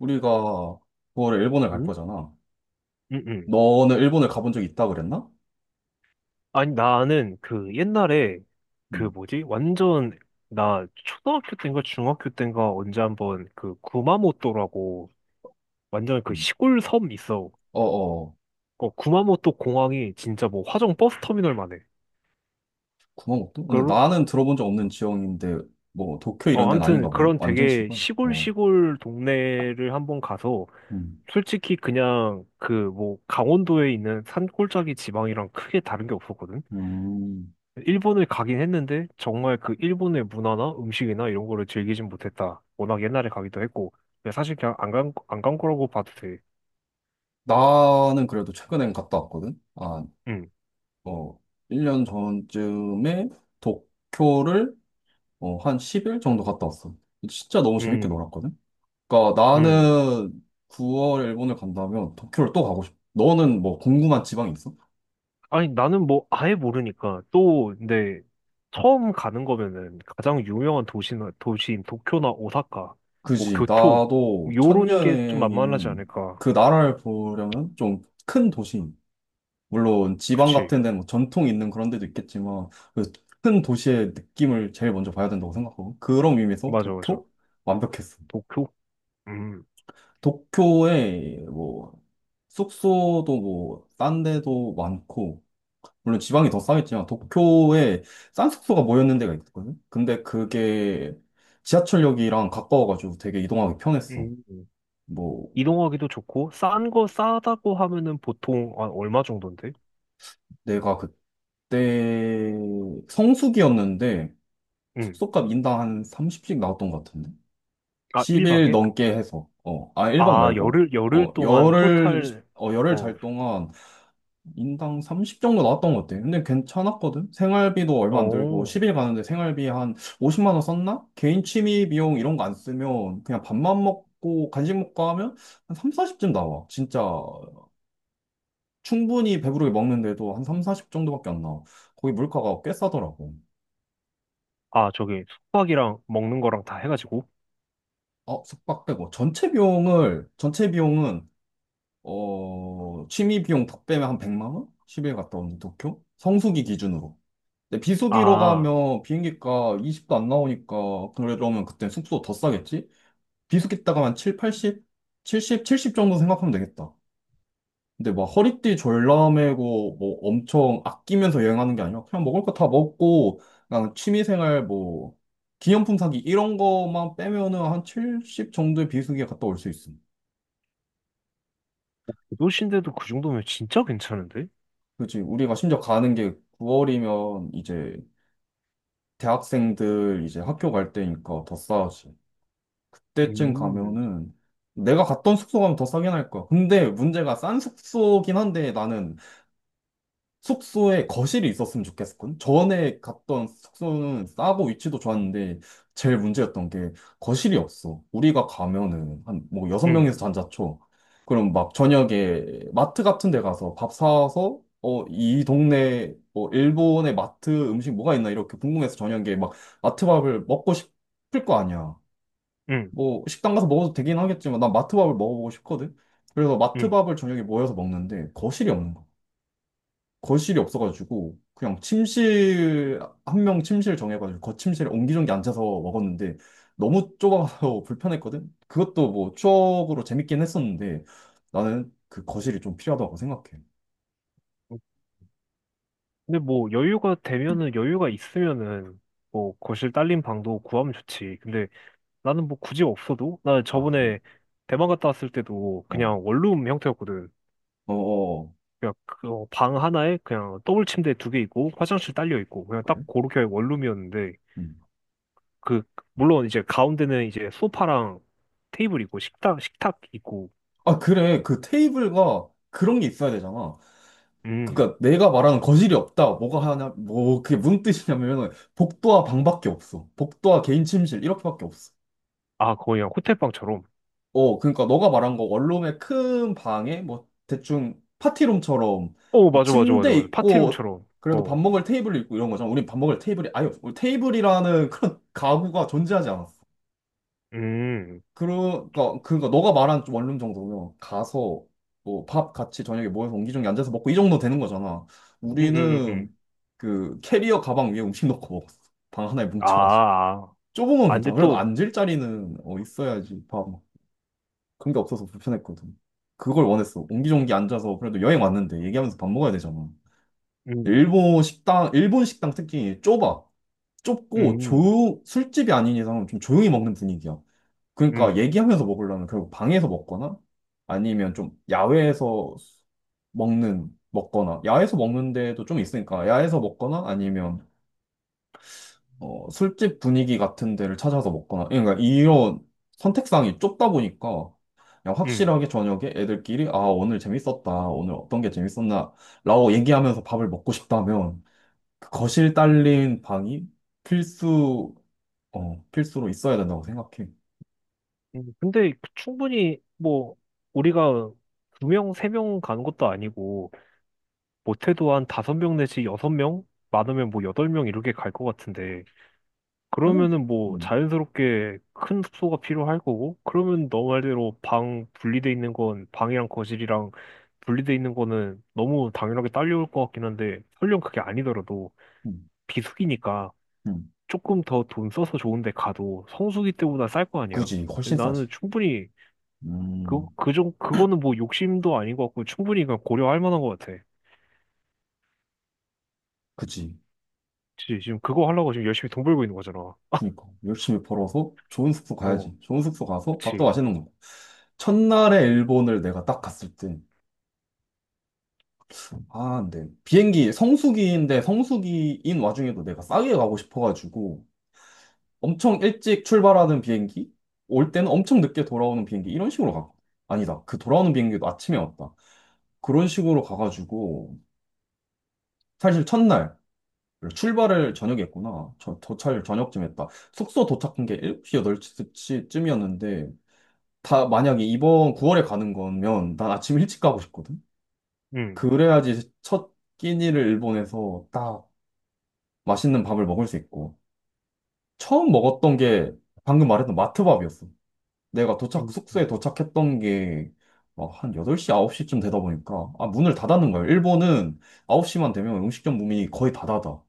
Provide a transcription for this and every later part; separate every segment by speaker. Speaker 1: 우리가 9월에 일본을 갈
Speaker 2: 응?
Speaker 1: 거잖아.
Speaker 2: 응, 응.
Speaker 1: 너는 일본을 가본 적 있다 그랬나?
Speaker 2: 아니, 나는 그 옛날에 그
Speaker 1: 음,
Speaker 2: 뭐지? 완전 나 초등학교 때인가 중학교 때인가 언제 한번 그 구마모토라고 완전 그
Speaker 1: 음.
Speaker 2: 시골 섬 있어.
Speaker 1: 어, 어.
Speaker 2: 어, 구마모토 공항이 진짜 뭐 화정 버스 터미널만 해.
Speaker 1: 구마모토? 근데
Speaker 2: 그런,
Speaker 1: 나는 들어본 적 없는 지역인데, 뭐, 도쿄 이런
Speaker 2: 어,
Speaker 1: 데는
Speaker 2: 아무튼
Speaker 1: 아닌가 보네.
Speaker 2: 그런
Speaker 1: 완전
Speaker 2: 되게
Speaker 1: 시골.
Speaker 2: 시골
Speaker 1: 어,
Speaker 2: 시골 동네를 한번 가서
Speaker 1: 음,
Speaker 2: 솔직히 그냥 그 뭐 강원도에 있는 산골짜기 지방이랑 크게 다른 게 없었거든?
Speaker 1: 음.
Speaker 2: 일본을 가긴 했는데 정말 그 일본의 문화나 음식이나 이런 거를 즐기진 못했다. 워낙 옛날에 가기도 했고 근데 사실 그냥 안 간, 안간 거라고 봐도 돼.
Speaker 1: 나는 그래도 최근엔 갔다 왔거든.
Speaker 2: 음,
Speaker 1: 어, 1년 전쯤에 도쿄를 한 10일 정도 갔다 왔어. 진짜 너무 재밌게
Speaker 2: 음,
Speaker 1: 놀았거든. 그러니까
Speaker 2: 음.
Speaker 1: 나는 9월 일본을 간다면 도쿄를 또 가고 싶어. 너는 뭐 궁금한 지방 있어?
Speaker 2: 아니 나는 뭐 아예 모르니까 또 근데 처음 가는 거면은 가장 유명한 도시나 도시인 도쿄나 오사카, 뭐
Speaker 1: 그지.
Speaker 2: 교토
Speaker 1: 나도 첫
Speaker 2: 요런 게 좀 만만하지
Speaker 1: 여행인
Speaker 2: 않을까.
Speaker 1: 그 나라를 보려면 좀 큰 도시, 물론 지방
Speaker 2: 그치?
Speaker 1: 같은 데는 뭐 전통 있는 그런 데도 있겠지만, 그 큰 도시의 느낌을 제일 먼저 봐야 된다고 생각하고, 그런 의미에서
Speaker 2: 맞아 맞아.
Speaker 1: 도쿄? 완벽했어.
Speaker 2: 도쿄? 음,
Speaker 1: 도쿄에 뭐, 숙소도 뭐, 싼 데도 많고, 물론 지방이 더 싸겠지만, 도쿄에 싼 숙소가 모였는 데가 있거든? 근데 그게 지하철역이랑 가까워가지고 되게 이동하기 편했어.
Speaker 2: 음.
Speaker 1: 뭐,
Speaker 2: 이동하기도 좋고 싼 거 싸다고 하면은 보통 한 얼마 정도인데?
Speaker 1: 내가 그때 성수기였는데
Speaker 2: 응.
Speaker 1: 숙소값 인당 한 30씩 나왔던 것 같은데?
Speaker 2: 아,
Speaker 1: 10일
Speaker 2: 1박에?
Speaker 1: 넘게 해서, 1박
Speaker 2: 아,
Speaker 1: 말고,
Speaker 2: 열흘, 열흘
Speaker 1: 어,
Speaker 2: 동안
Speaker 1: 열흘,
Speaker 2: 토탈,
Speaker 1: 열흘
Speaker 2: 어,
Speaker 1: 잘 동안 인당 30 정도 나왔던 것 같아. 근데 괜찮았거든? 생활비도 얼마 안 들고,
Speaker 2: 어.
Speaker 1: 10일 가는데 생활비 한 50만 원 썼나? 개인 취미 비용 이런 거 안 쓰면 그냥 밥만 먹고 간식 먹고 하면 한 3, 40쯤 나와. 진짜 충분히 배부르게 먹는데도 한 3, 40 정도밖에 안 나와. 거기 물가가 꽤 싸더라고.
Speaker 2: 아, 저기, 숙박이랑 먹는 거랑 다 해가지고.
Speaker 1: 숙박 빼고. 전체 비용은, 취미 비용 다 빼면 한 100만 원? 10일 갔다 오는 도쿄? 성수기 기준으로. 근데 비수기로
Speaker 2: 아,
Speaker 1: 가면 비행기가 20도 안 나오니까, 그러면 그때 숙소 더 싸겠지? 비수기 따가 한 7, 팔0 칠십 칠0 정도 생각하면 되겠다. 근데 막 허리띠 졸라매고 뭐 엄청 아끼면서 여행하는 게 아니라 그냥 먹을 거 다 먹고 그냥 취미생활 뭐 기념품 사기 이런 거만 빼면은 한 70 정도의 비수기에 갔다 올 수 있음.
Speaker 2: 그 도시인데도 그 정도면 진짜 괜찮은데?
Speaker 1: 그렇지. 우리가 심지어 가는 게 9월이면 이제 대학생들 이제 학교 갈 때니까 더 싸지. 그때쯤
Speaker 2: 음.
Speaker 1: 가면은 내가 갔던 숙소 가면 더 싸게 날 거야. 근데 문제가 싼 숙소긴 한데 나는 숙소에 거실이 있었으면 좋겠군. 전에 갔던 숙소는 싸고 위치도 좋았는데 제일 문제였던 게 거실이 없어. 우리가 가면은 한 뭐 여섯
Speaker 2: 응,
Speaker 1: 명이서 잔다 쳐. 그럼 막 저녁에 마트 같은 데 가서 밥 사와서 이 동네 뭐 일본의 마트 음식 뭐가 있나 이렇게 궁금해서 저녁에 막 마트 밥을 먹고 싶을 거 아니야.
Speaker 2: 응,
Speaker 1: 뭐 식당 가서 먹어도 되긴 하겠지만 난 마트 밥을 먹어보고 싶거든. 그래서 마트
Speaker 2: 응.
Speaker 1: 밥을 저녁에 모여서 먹는데 거실이 없는 거야. 거실이 없어가지고 그냥 침실 한 명 침실 정해가지고 거침실에 옹기종기 앉아서 먹었는데 너무 좁아서 불편했거든. 그것도 뭐 추억으로 재밌긴 했었는데 나는 그 거실이 좀 필요하다고 생각해.
Speaker 2: 근데 뭐, 여유가 되면은, 여유가 있으면은, 뭐, 거실 딸린 방도 구하면 좋지. 근데 나는 뭐 굳이 없어도, 나
Speaker 1: 아 그래?
Speaker 2: 저번에 대만 갔다 왔을 때도
Speaker 1: 어,
Speaker 2: 그냥 원룸 형태였거든.
Speaker 1: 어, 어,
Speaker 2: 그냥 그방 하나에 그냥 더블 침대 두 개 있고 화장실 딸려 있고 그냥
Speaker 1: 그래?
Speaker 2: 딱 그렇게 원룸이었는데
Speaker 1: 음.
Speaker 2: 그 물론 이제 가운데는 이제 소파랑 테이블 있고 식탁 있고.
Speaker 1: 아 그래, 그 테이블과 그런 게 있어야 되잖아.
Speaker 2: 음.
Speaker 1: 그러니까 내가 말하는 거실이 없다. 뭐가 하냐? 뭐 그게 무슨 뜻이냐면 복도와 방밖에 없어. 복도와 개인 침실 이렇게밖에 없어.
Speaker 2: 아, 거의 그냥 호텔 방처럼.
Speaker 1: 그러니까 너가 말한 거 원룸의 큰 방에 뭐 대충 파티룸처럼
Speaker 2: 어,
Speaker 1: 뭐
Speaker 2: 맞아 맞아 맞아
Speaker 1: 침대
Speaker 2: 맞아,
Speaker 1: 있고
Speaker 2: 파티룸처럼.
Speaker 1: 그래도 밥
Speaker 2: 어.
Speaker 1: 먹을 테이블 있고 이런 거잖아. 우린 밥 먹을 테이블이 아예 우리 테이블이라는 그런 가구가 존재하지 않았어.
Speaker 2: 음.
Speaker 1: 그러니까 너가 말한 원룸 정도면 가서 뭐 밥 같이 저녁에 모여서 옹기종기 앉아서 먹고 이 정도 되는 거잖아.
Speaker 2: 음음음 음.
Speaker 1: 우리는 그 캐리어 가방 위에 음식 넣고 먹었어. 방 하나에
Speaker 2: 아
Speaker 1: 뭉쳐가지고.
Speaker 2: 아
Speaker 1: 좁은 건
Speaker 2: 아, 근데
Speaker 1: 괜찮아. 그래도
Speaker 2: 또
Speaker 1: 앉을 자리는 있어야지. 그런 게 없어서 불편했거든. 그걸 원했어. 옹기종기 앉아서 그래도 여행 왔는데 얘기하면서 밥 먹어야 되잖아.
Speaker 2: 음,
Speaker 1: 일본 식당 특징이 좁아. 좁고
Speaker 2: 음
Speaker 1: 조 술집이 아닌 이상은 좀 조용히 먹는 분위기야. 그러니까
Speaker 2: 음
Speaker 1: 얘기하면서 먹으려면 결국 방에서 먹거나 아니면 좀 야외에서 먹는 먹거나 야외에서 먹는 데도 좀 있으니까 야외에서 먹거나 아니면 술집 분위기 같은 데를 찾아서 먹거나, 그러니까 이런 선택상이 좁다 보니까, 그냥
Speaker 2: 음
Speaker 1: 확실하게 저녁에 애들끼리, 아, 오늘 재밌었다, 오늘 어떤 게 재밌었나, 라고 얘기하면서 밥을 먹고 싶다면, 그 거실 딸린 방이 필수, 필수로 있어야 된다고 생각해.
Speaker 2: 음 근데 충분히 뭐 우리가 두 명 세 명 가는 것도 아니고 못해도 한 다섯 명 내지 여섯 명, 많으면 뭐 여덟 명 이렇게 갈 것 같은데,
Speaker 1: 나는,
Speaker 2: 그러면은 뭐
Speaker 1: 음,
Speaker 2: 자연스럽게 큰 숙소가 필요할 거고, 그러면 너 말대로 방 분리돼 있는 건 방이랑 거실이랑 분리돼 있는 거는 너무 당연하게 딸려올 것 같긴 한데, 설령 그게 아니더라도
Speaker 1: 음,
Speaker 2: 비수기니까
Speaker 1: 음.
Speaker 2: 조금 더 돈 써서 좋은 데 가도 성수기 때보다 쌀 거 아니야.
Speaker 1: 그지,
Speaker 2: 근데
Speaker 1: 훨씬 싸지.
Speaker 2: 나는 충분히 그,
Speaker 1: 음,
Speaker 2: 그정 그거는 뭐 욕심도 아닌 것 같고 충분히 그냥 고려할 만한 것 같아.
Speaker 1: 그지.
Speaker 2: 그치, 지금 그거 하려고 지금 열심히 돈 벌고 있는 거잖아.
Speaker 1: 그니까. 열심히 벌어서 좋은 숙소
Speaker 2: 어,
Speaker 1: 가야지. 좋은 숙소 가서 밥도
Speaker 2: 그치.
Speaker 1: 맛있는 거. 고 첫날에 일본을 내가 딱 갔을 때, 아, 네. 비행기 성수기인데 성수기인 와중에도 내가 싸게 가고 싶어가지고 엄청 일찍 출발하는 비행기, 올 때는 엄청 늦게 돌아오는 비행기 이런 식으로 가. 아니다. 그 돌아오는 비행기도 아침에 왔다. 그런 식으로 가가지고 사실 첫날 출발을 저녁에 했구나. 도착을 저녁쯤 했다. 숙소 도착한 게 7시, 8시쯤이었는데 다 만약에 이번 9월에 가는 거면 난 아침 일찍 가고 싶거든.
Speaker 2: 응,
Speaker 1: 그래야지 첫 끼니를 일본에서 딱 맛있는 밥을 먹을 수 있고. 처음 먹었던 게 방금 말했던 마트밥이었어.
Speaker 2: 응,
Speaker 1: 숙소에
Speaker 2: 응.
Speaker 1: 도착했던 게 막 한 8시, 9시쯤 되다 보니까, 아, 문을 닫았는 거예요. 일본은 9시만 되면 음식점 문이 거의 다 닫아.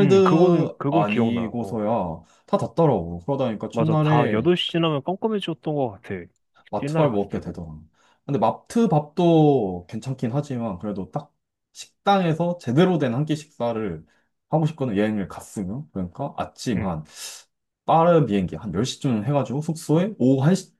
Speaker 2: 응, 그거는, 그건 기억나. 어,
Speaker 1: 아니고서야 다 닫더라고. 그러다니까
Speaker 2: 맞아. 다
Speaker 1: 첫날에
Speaker 2: 8시 지나면 깜깜해졌던 것 같아. 옛날에
Speaker 1: 마트밥
Speaker 2: 갔을
Speaker 1: 먹게
Speaker 2: 때도.
Speaker 1: 되더라. 근데 마트밥도 괜찮긴 하지만, 그래도 딱 식당에서 제대로 된 한 끼 식사를 하고 싶거든, 여행을 갔으면. 그러니까 아침
Speaker 2: 응,
Speaker 1: 한 빠른 비행기 한 10시쯤 해가지고 숙소에 오후 한시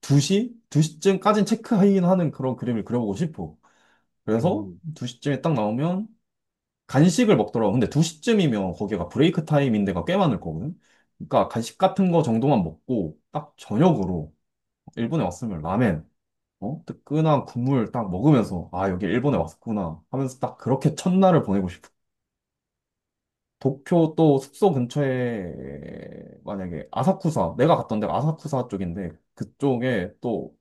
Speaker 1: 2시? 2시쯤까지는 체크인 하는 그런 그림을 그려보고 싶어. 그래서
Speaker 2: 응,
Speaker 1: 2시쯤에 딱 나오면 간식을 먹더라고. 근데 2시쯤이면 거기가 브레이크 타임인 데가 꽤 많을 거거든. 그러니까 간식 같은 거 정도만 먹고 딱 저녁으로 일본에 왔으면 라멘, 어? 뜨끈한 국물 딱 먹으면서 아, 여기 일본에 왔구나 하면서 딱 그렇게 첫날을 보내고 싶어. 도쿄 또 숙소 근처에 만약에 아사쿠사, 내가 갔던 데가 아사쿠사 쪽인데 그쪽에 또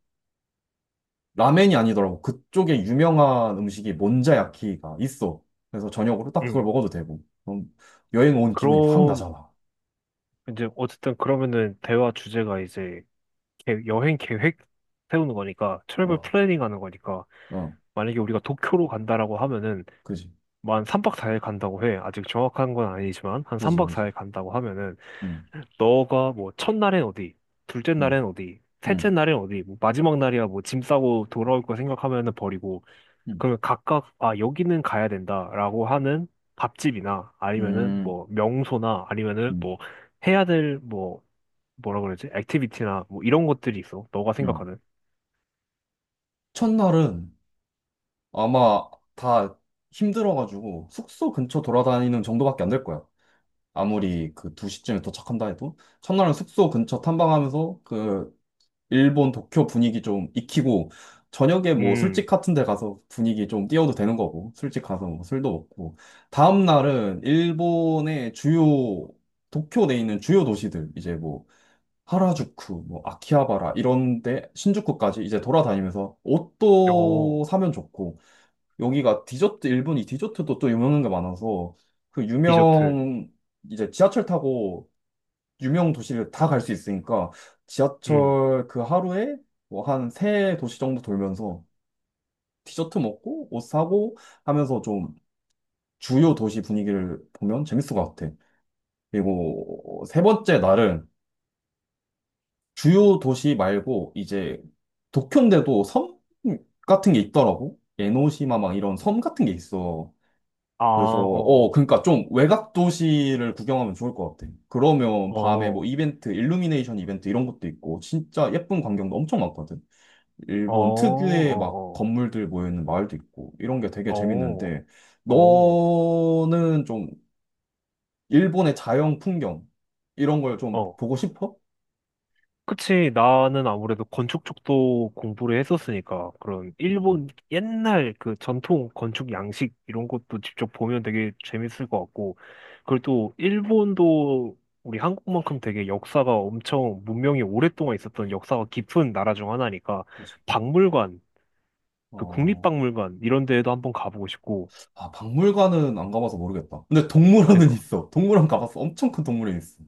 Speaker 1: 라멘이 아니더라고. 그쪽에 유명한 음식이 몬자야키가 있어. 그래서 저녁으로 딱 그걸
Speaker 2: 응.
Speaker 1: 먹어도 되고. 그럼 여행 온 기분이 확
Speaker 2: 그럼,
Speaker 1: 나잖아.
Speaker 2: 이제, 어쨌든 그러면은 대화 주제가 이제 여행 계획 세우는 거니까, 트래블
Speaker 1: 어,
Speaker 2: 플래닝 하는 거니까,
Speaker 1: 어,
Speaker 2: 만약에 우리가 도쿄로 간다라고 하면은,
Speaker 1: 그지,
Speaker 2: 뭐 한 3박 4일 간다고 해. 아직 정확한 건 아니지만 한
Speaker 1: 그지,
Speaker 2: 3박
Speaker 1: 그지.
Speaker 2: 4일 간다고 하면은
Speaker 1: 응,
Speaker 2: 너가 뭐 첫날엔 어디, 둘째
Speaker 1: 응,
Speaker 2: 날엔 어디, 셋째
Speaker 1: 응,
Speaker 2: 날엔 어디, 뭐 마지막 날이야 뭐 짐 싸고 돌아올 거 생각하면은 버리고,
Speaker 1: 응,
Speaker 2: 그러면 각각 아 여기는 가야 된다라고 하는 밥집이나 아니면은
Speaker 1: 응,
Speaker 2: 뭐 명소나 아니면은
Speaker 1: 응,
Speaker 2: 뭐 해야 될 뭐 뭐라 그러지? 액티비티나 뭐 이런 것들이 있어, 너가
Speaker 1: 응.
Speaker 2: 생각하는.
Speaker 1: 첫날은 아마 다 힘들어가지고 숙소 근처 돌아다니는 정도밖에 안 될 거야. 아무리 그 2시쯤에 도착한다 해도 첫날은 숙소 근처 탐방하면서 그 일본 도쿄 분위기 좀 익히고 저녁에 뭐
Speaker 2: 음.
Speaker 1: 술집 같은 데 가서 분위기 좀 띄워도 되는 거고 술집 가서 뭐 술도 먹고 다음 날은 일본의 주요 도쿄 내에 있는 주요 도시들 이제 뭐 하라주쿠, 뭐 아키하바라 이런 데 신주쿠까지 이제 돌아다니면서
Speaker 2: 어.
Speaker 1: 옷도 사면 좋고 여기가 디저트, 일본이 디저트도 또 유명한 게 많아서 그
Speaker 2: 디저트.
Speaker 1: 유명, 이제 지하철 타고 유명 도시를 다 갈 수 있으니까
Speaker 2: 음.
Speaker 1: 지하철 그 하루에 뭐 한 세 도시 정도 돌면서 디저트 먹고 옷 사고 하면서 좀 주요 도시 분위기를 보면 재밌을 것 같아. 그리고 세 번째 날은 주요 도시 말고 이제 도쿄인데도 섬 같은 게 있더라고. 에노시마 막 이런 섬 같은 게 있어.
Speaker 2: 아,
Speaker 1: 그래서
Speaker 2: 어, 어.
Speaker 1: 그러니까 좀 외곽 도시를 구경하면 좋을 것 같아. 그러면 밤에 뭐
Speaker 2: 어.
Speaker 1: 이벤트, 일루미네이션 이벤트 이런 것도 있고 진짜 예쁜 광경도 엄청 많거든.
Speaker 2: 어,
Speaker 1: 일본 특유의 막
Speaker 2: 어,
Speaker 1: 건물들 모여 있는 마을도 있고 이런 게 되게
Speaker 2: 어,
Speaker 1: 재밌는데
Speaker 2: 어, 어,
Speaker 1: 너는 좀 일본의 자연 풍경 이런 걸 좀
Speaker 2: 어.
Speaker 1: 보고 싶어?
Speaker 2: 그치, 나는 아무래도 건축 쪽도 공부를 했었으니까, 그런
Speaker 1: 음,
Speaker 2: 일본 옛날 그 전통 건축 양식 이런 것도 직접 보면 되게 재밌을 것 같고, 그리고 또 일본도 우리 한국만큼 되게 역사가 엄청 문명이 오랫동안 있었던 역사가 깊은 나라 중 하나니까,
Speaker 1: 그치.
Speaker 2: 박물관, 그
Speaker 1: 어,
Speaker 2: 국립박물관 이런 데에도 한번 가보고 싶고.
Speaker 1: 박물관은 안 가봐서 모르겠다. 근데 동물원은
Speaker 2: 그러니까.
Speaker 1: 있어. 동물원 가봤어. 엄청 큰 동물원 있어.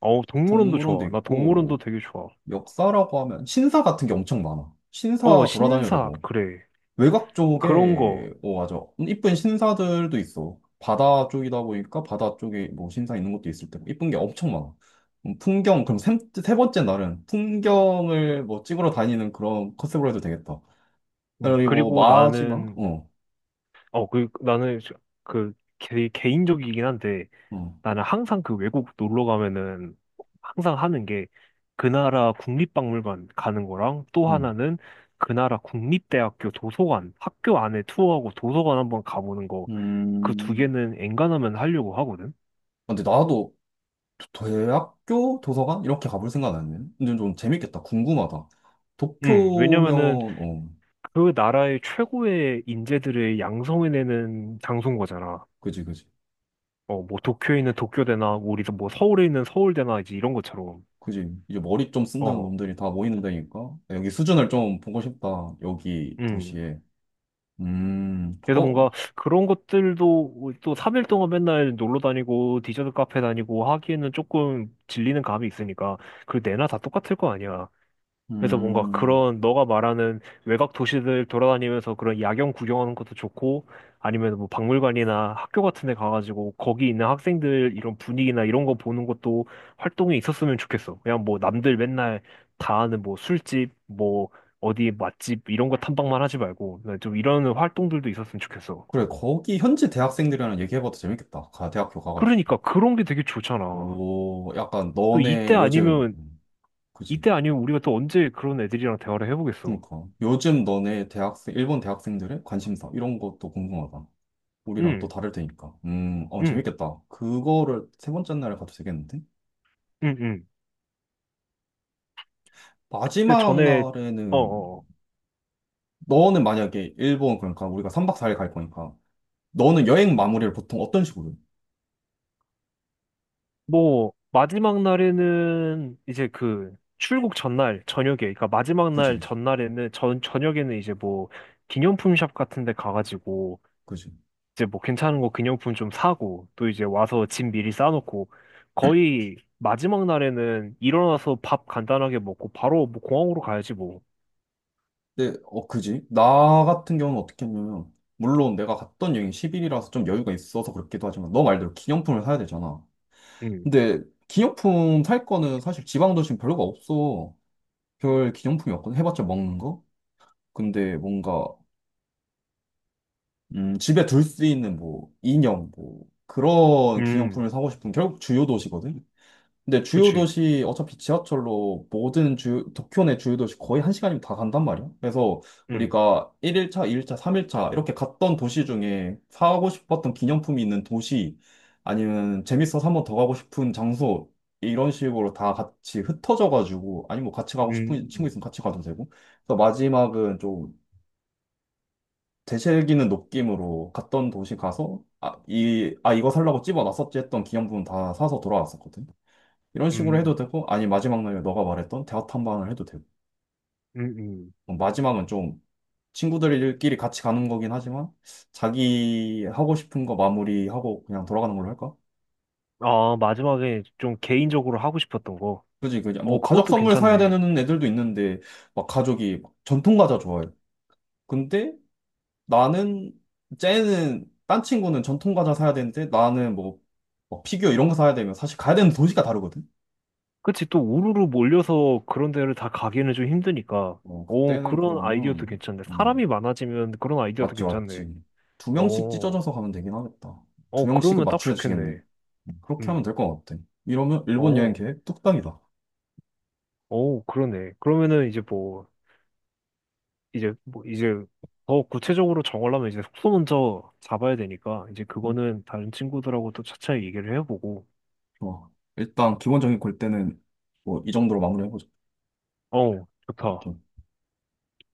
Speaker 2: 어, 동물원도
Speaker 1: 동물원도
Speaker 2: 좋아. 나 동물원도
Speaker 1: 있고
Speaker 2: 되게 좋아.
Speaker 1: 역사라고 하면 신사 같은 게 엄청 많아.
Speaker 2: 어,
Speaker 1: 신사 돌아다녀도
Speaker 2: 신사,
Speaker 1: 되고
Speaker 2: 그래.
Speaker 1: 외곽
Speaker 2: 그런 거.
Speaker 1: 쪽에 맞아 이쁜 신사들도 있어. 바다 쪽이다 보니까 바다 쪽에 뭐 신사 있는 것도 있을 테고 이쁜 게 엄청 많아. 풍경 그럼 세 번째 날은 풍경을 뭐 찍으러 다니는 그런 컨셉으로 해도 되겠다. 그리고
Speaker 2: 그리고
Speaker 1: 마지막
Speaker 2: 나는,
Speaker 1: 어,
Speaker 2: 어, 그, 나는, 그, 개인적이긴 한데,
Speaker 1: 어,
Speaker 2: 나는 항상 그 외국 놀러 가면은, 항상 하는 게, 그 나라 국립박물관 가는 거랑, 또
Speaker 1: 음,
Speaker 2: 하나는 그 나라 국립대학교 도서관, 학교 안에 투어하고 도서관 한번 가보는 거, 그 두
Speaker 1: 음.
Speaker 2: 개는 엔간하면 하려고 하거든?
Speaker 1: 근데 나도 대학교 도서관 이렇게 가볼 생각 안 했네. 근데 좀 재밌겠다. 궁금하다. 도쿄면
Speaker 2: 왜냐면은,
Speaker 1: 어.
Speaker 2: 그 나라의 최고의 인재들을 양성해내는 장소인 거잖아.
Speaker 1: 그지, 그지.
Speaker 2: 어, 뭐 도쿄에 있는 도쿄대나 우리 뭐 서울에 있는 서울대나 이제 이런 것처럼.
Speaker 1: 그지. 이제 머리 좀 쓴다는
Speaker 2: 어,
Speaker 1: 놈들이 다 모이는 데니까. 여기 수준을 좀 보고 싶다. 여기
Speaker 2: 음.
Speaker 1: 도시에.
Speaker 2: 그래서
Speaker 1: 어,
Speaker 2: 뭔가 그런 것들도 또 3일 동안 맨날 놀러 다니고 디저트 카페 다니고 하기에는 조금 질리는 감이 있으니까 그 내나 다 똑같을 거 아니야. 그래서 뭔가
Speaker 1: 음.
Speaker 2: 그런 너가 말하는 외곽 도시들 돌아다니면서 그런 야경 구경하는 것도 좋고, 아니면 뭐 박물관이나 학교 같은 데 가가지고 거기 있는 학생들 이런 분위기나 이런 거 보는 것도 활동이 있었으면 좋겠어. 그냥 뭐 남들 맨날 다 아는 뭐 술집, 뭐 어디 맛집 이런 거 탐방만 하지 말고 네, 좀 이런 활동들도 있었으면 좋겠어.
Speaker 1: 그래, 거기 현지 대학생들이랑 얘기해봐도 재밌겠다. 대학교 가가지고.
Speaker 2: 그러니까 그런 게 되게 좋잖아.
Speaker 1: 오, 약간
Speaker 2: 또
Speaker 1: 너네 요즘, 그지.
Speaker 2: 이때 아니면 우리가 또 언제 그런 애들이랑 대화를 해보겠어.
Speaker 1: 그니까. 요즘 일본 대학생들의 관심사, 이런 것도 궁금하다. 우리랑 또
Speaker 2: 응,
Speaker 1: 다를 테니까.
Speaker 2: 응,
Speaker 1: 재밌겠다. 그거를 세 번째 날에 가도 되겠는데?
Speaker 2: 응, 응. 근데
Speaker 1: 마지막
Speaker 2: 전에 어,
Speaker 1: 날에는
Speaker 2: 어, 어.
Speaker 1: 너는 만약에 일본 그러니까 우리가 3박 4일 갈 거니까 너는 여행 마무리를 보통 어떤 식으로 해?
Speaker 2: 뭐 마지막 날에는 이제 그 출국 전날 저녁에 그러니까 마지막
Speaker 1: 그지
Speaker 2: 날
Speaker 1: 그지
Speaker 2: 전날에는 전 저녁에는 이제 뭐 기념품 샵 같은 데 가가지고
Speaker 1: 그지
Speaker 2: 이제 뭐 괜찮은 거 기념품 좀 사고 또 이제 와서 짐 미리 싸놓고 거의 마지막 날에는 일어나서 밥 간단하게 먹고 바로 뭐 공항으로 가야지 뭐.
Speaker 1: 근데 그지 나 같은 경우는 어떻게 했냐면 물론 내가 갔던 여행이 10일이라서 좀 여유가 있어서 그렇기도 하지만 너 말대로 기념품을 사야 되잖아
Speaker 2: 음,
Speaker 1: 근데 기념품 살 거는 사실 지방 도시는 별로가 없어 별 기념품이 없거든 해봤자 먹는 거 근데 뭔가 집에 둘 수 있는 뭐 인형 뭐 그런
Speaker 2: 음,
Speaker 1: 기념품을 사고 싶은 결국 주요 도시거든 근데 주요
Speaker 2: 그치.
Speaker 1: 도시 어차피 지하철로 모든 주 도쿄 내 주요 도시 거의 1시간이면 다 간단 말이야. 그래서
Speaker 2: 음,
Speaker 1: 우리가 1일차, 2일차, 3일차 이렇게 갔던 도시 중에 사고 싶었던 기념품이 있는 도시 아니면 재밌어서 한 번 더 가고 싶은 장소 이런 식으로 다 같이 흩어져가지고 아니면 뭐 같이 가고 싶은 친구
Speaker 2: 음,
Speaker 1: 있으면 같이 가도 되고. 그래서 마지막은 좀 되새기는 느낌으로 갔던 도시 가서 아, 이거 살라고 집어놨었지 했던 기념품 다 사서 돌아왔었거든. 이런 식으로 해도
Speaker 2: 음,
Speaker 1: 되고, 아니, 마지막 날에 너가 말했던 대화 탐방을 해도 되고.
Speaker 2: 음, 음.
Speaker 1: 뭐 마지막은 좀 친구들끼리 같이 가는 거긴 하지만, 자기 하고 싶은 거 마무리하고 그냥 돌아가는 걸로 할까?
Speaker 2: 아, 마지막에 좀 개인적으로 하고 싶었던 거.
Speaker 1: 그지, 그지. 뭐,
Speaker 2: 어,
Speaker 1: 가족
Speaker 2: 그것도
Speaker 1: 선물 사야
Speaker 2: 괜찮네.
Speaker 1: 되는 애들도 있는데, 막 가족이 막 전통 과자 좋아해. 근데 나는, 딴 친구는 전통 과자 사야 되는데, 나는 뭐, 피규어 이런 거 사야 되면 사실 가야 되는 도시가 다르거든?
Speaker 2: 그치, 또 우르르 몰려서 그런 데를 다 가기에는 좀 힘드니까. 어,
Speaker 1: 그때는
Speaker 2: 그런 아이디어도
Speaker 1: 그러면,
Speaker 2: 괜찮네.
Speaker 1: 음,
Speaker 2: 사람이 많아지면 그런 아이디어도
Speaker 1: 맞지,
Speaker 2: 괜찮네.
Speaker 1: 맞지. 2명씩
Speaker 2: 어,
Speaker 1: 찢어져서 가면 되긴 하겠다. 두
Speaker 2: 어,
Speaker 1: 명씩은
Speaker 2: 그러면 딱
Speaker 1: 맞추어지겠네.
Speaker 2: 좋겠네.
Speaker 1: 그렇게 하면
Speaker 2: 음,
Speaker 1: 될 것 같아. 이러면 일본 여행
Speaker 2: 어,
Speaker 1: 계획 뚝딱이다.
Speaker 2: 어, 그러네. 그러면은 이제 더 구체적으로 정하려면 이제 숙소 먼저 잡아야 되니까, 이제
Speaker 1: 음,
Speaker 2: 그거는 다른 친구들하고 또 차차 얘기를 해보고.
Speaker 1: 좋아. 일단 기본적인 골대는 뭐 이 정도로 마무리해보자.
Speaker 2: 어, 좋다.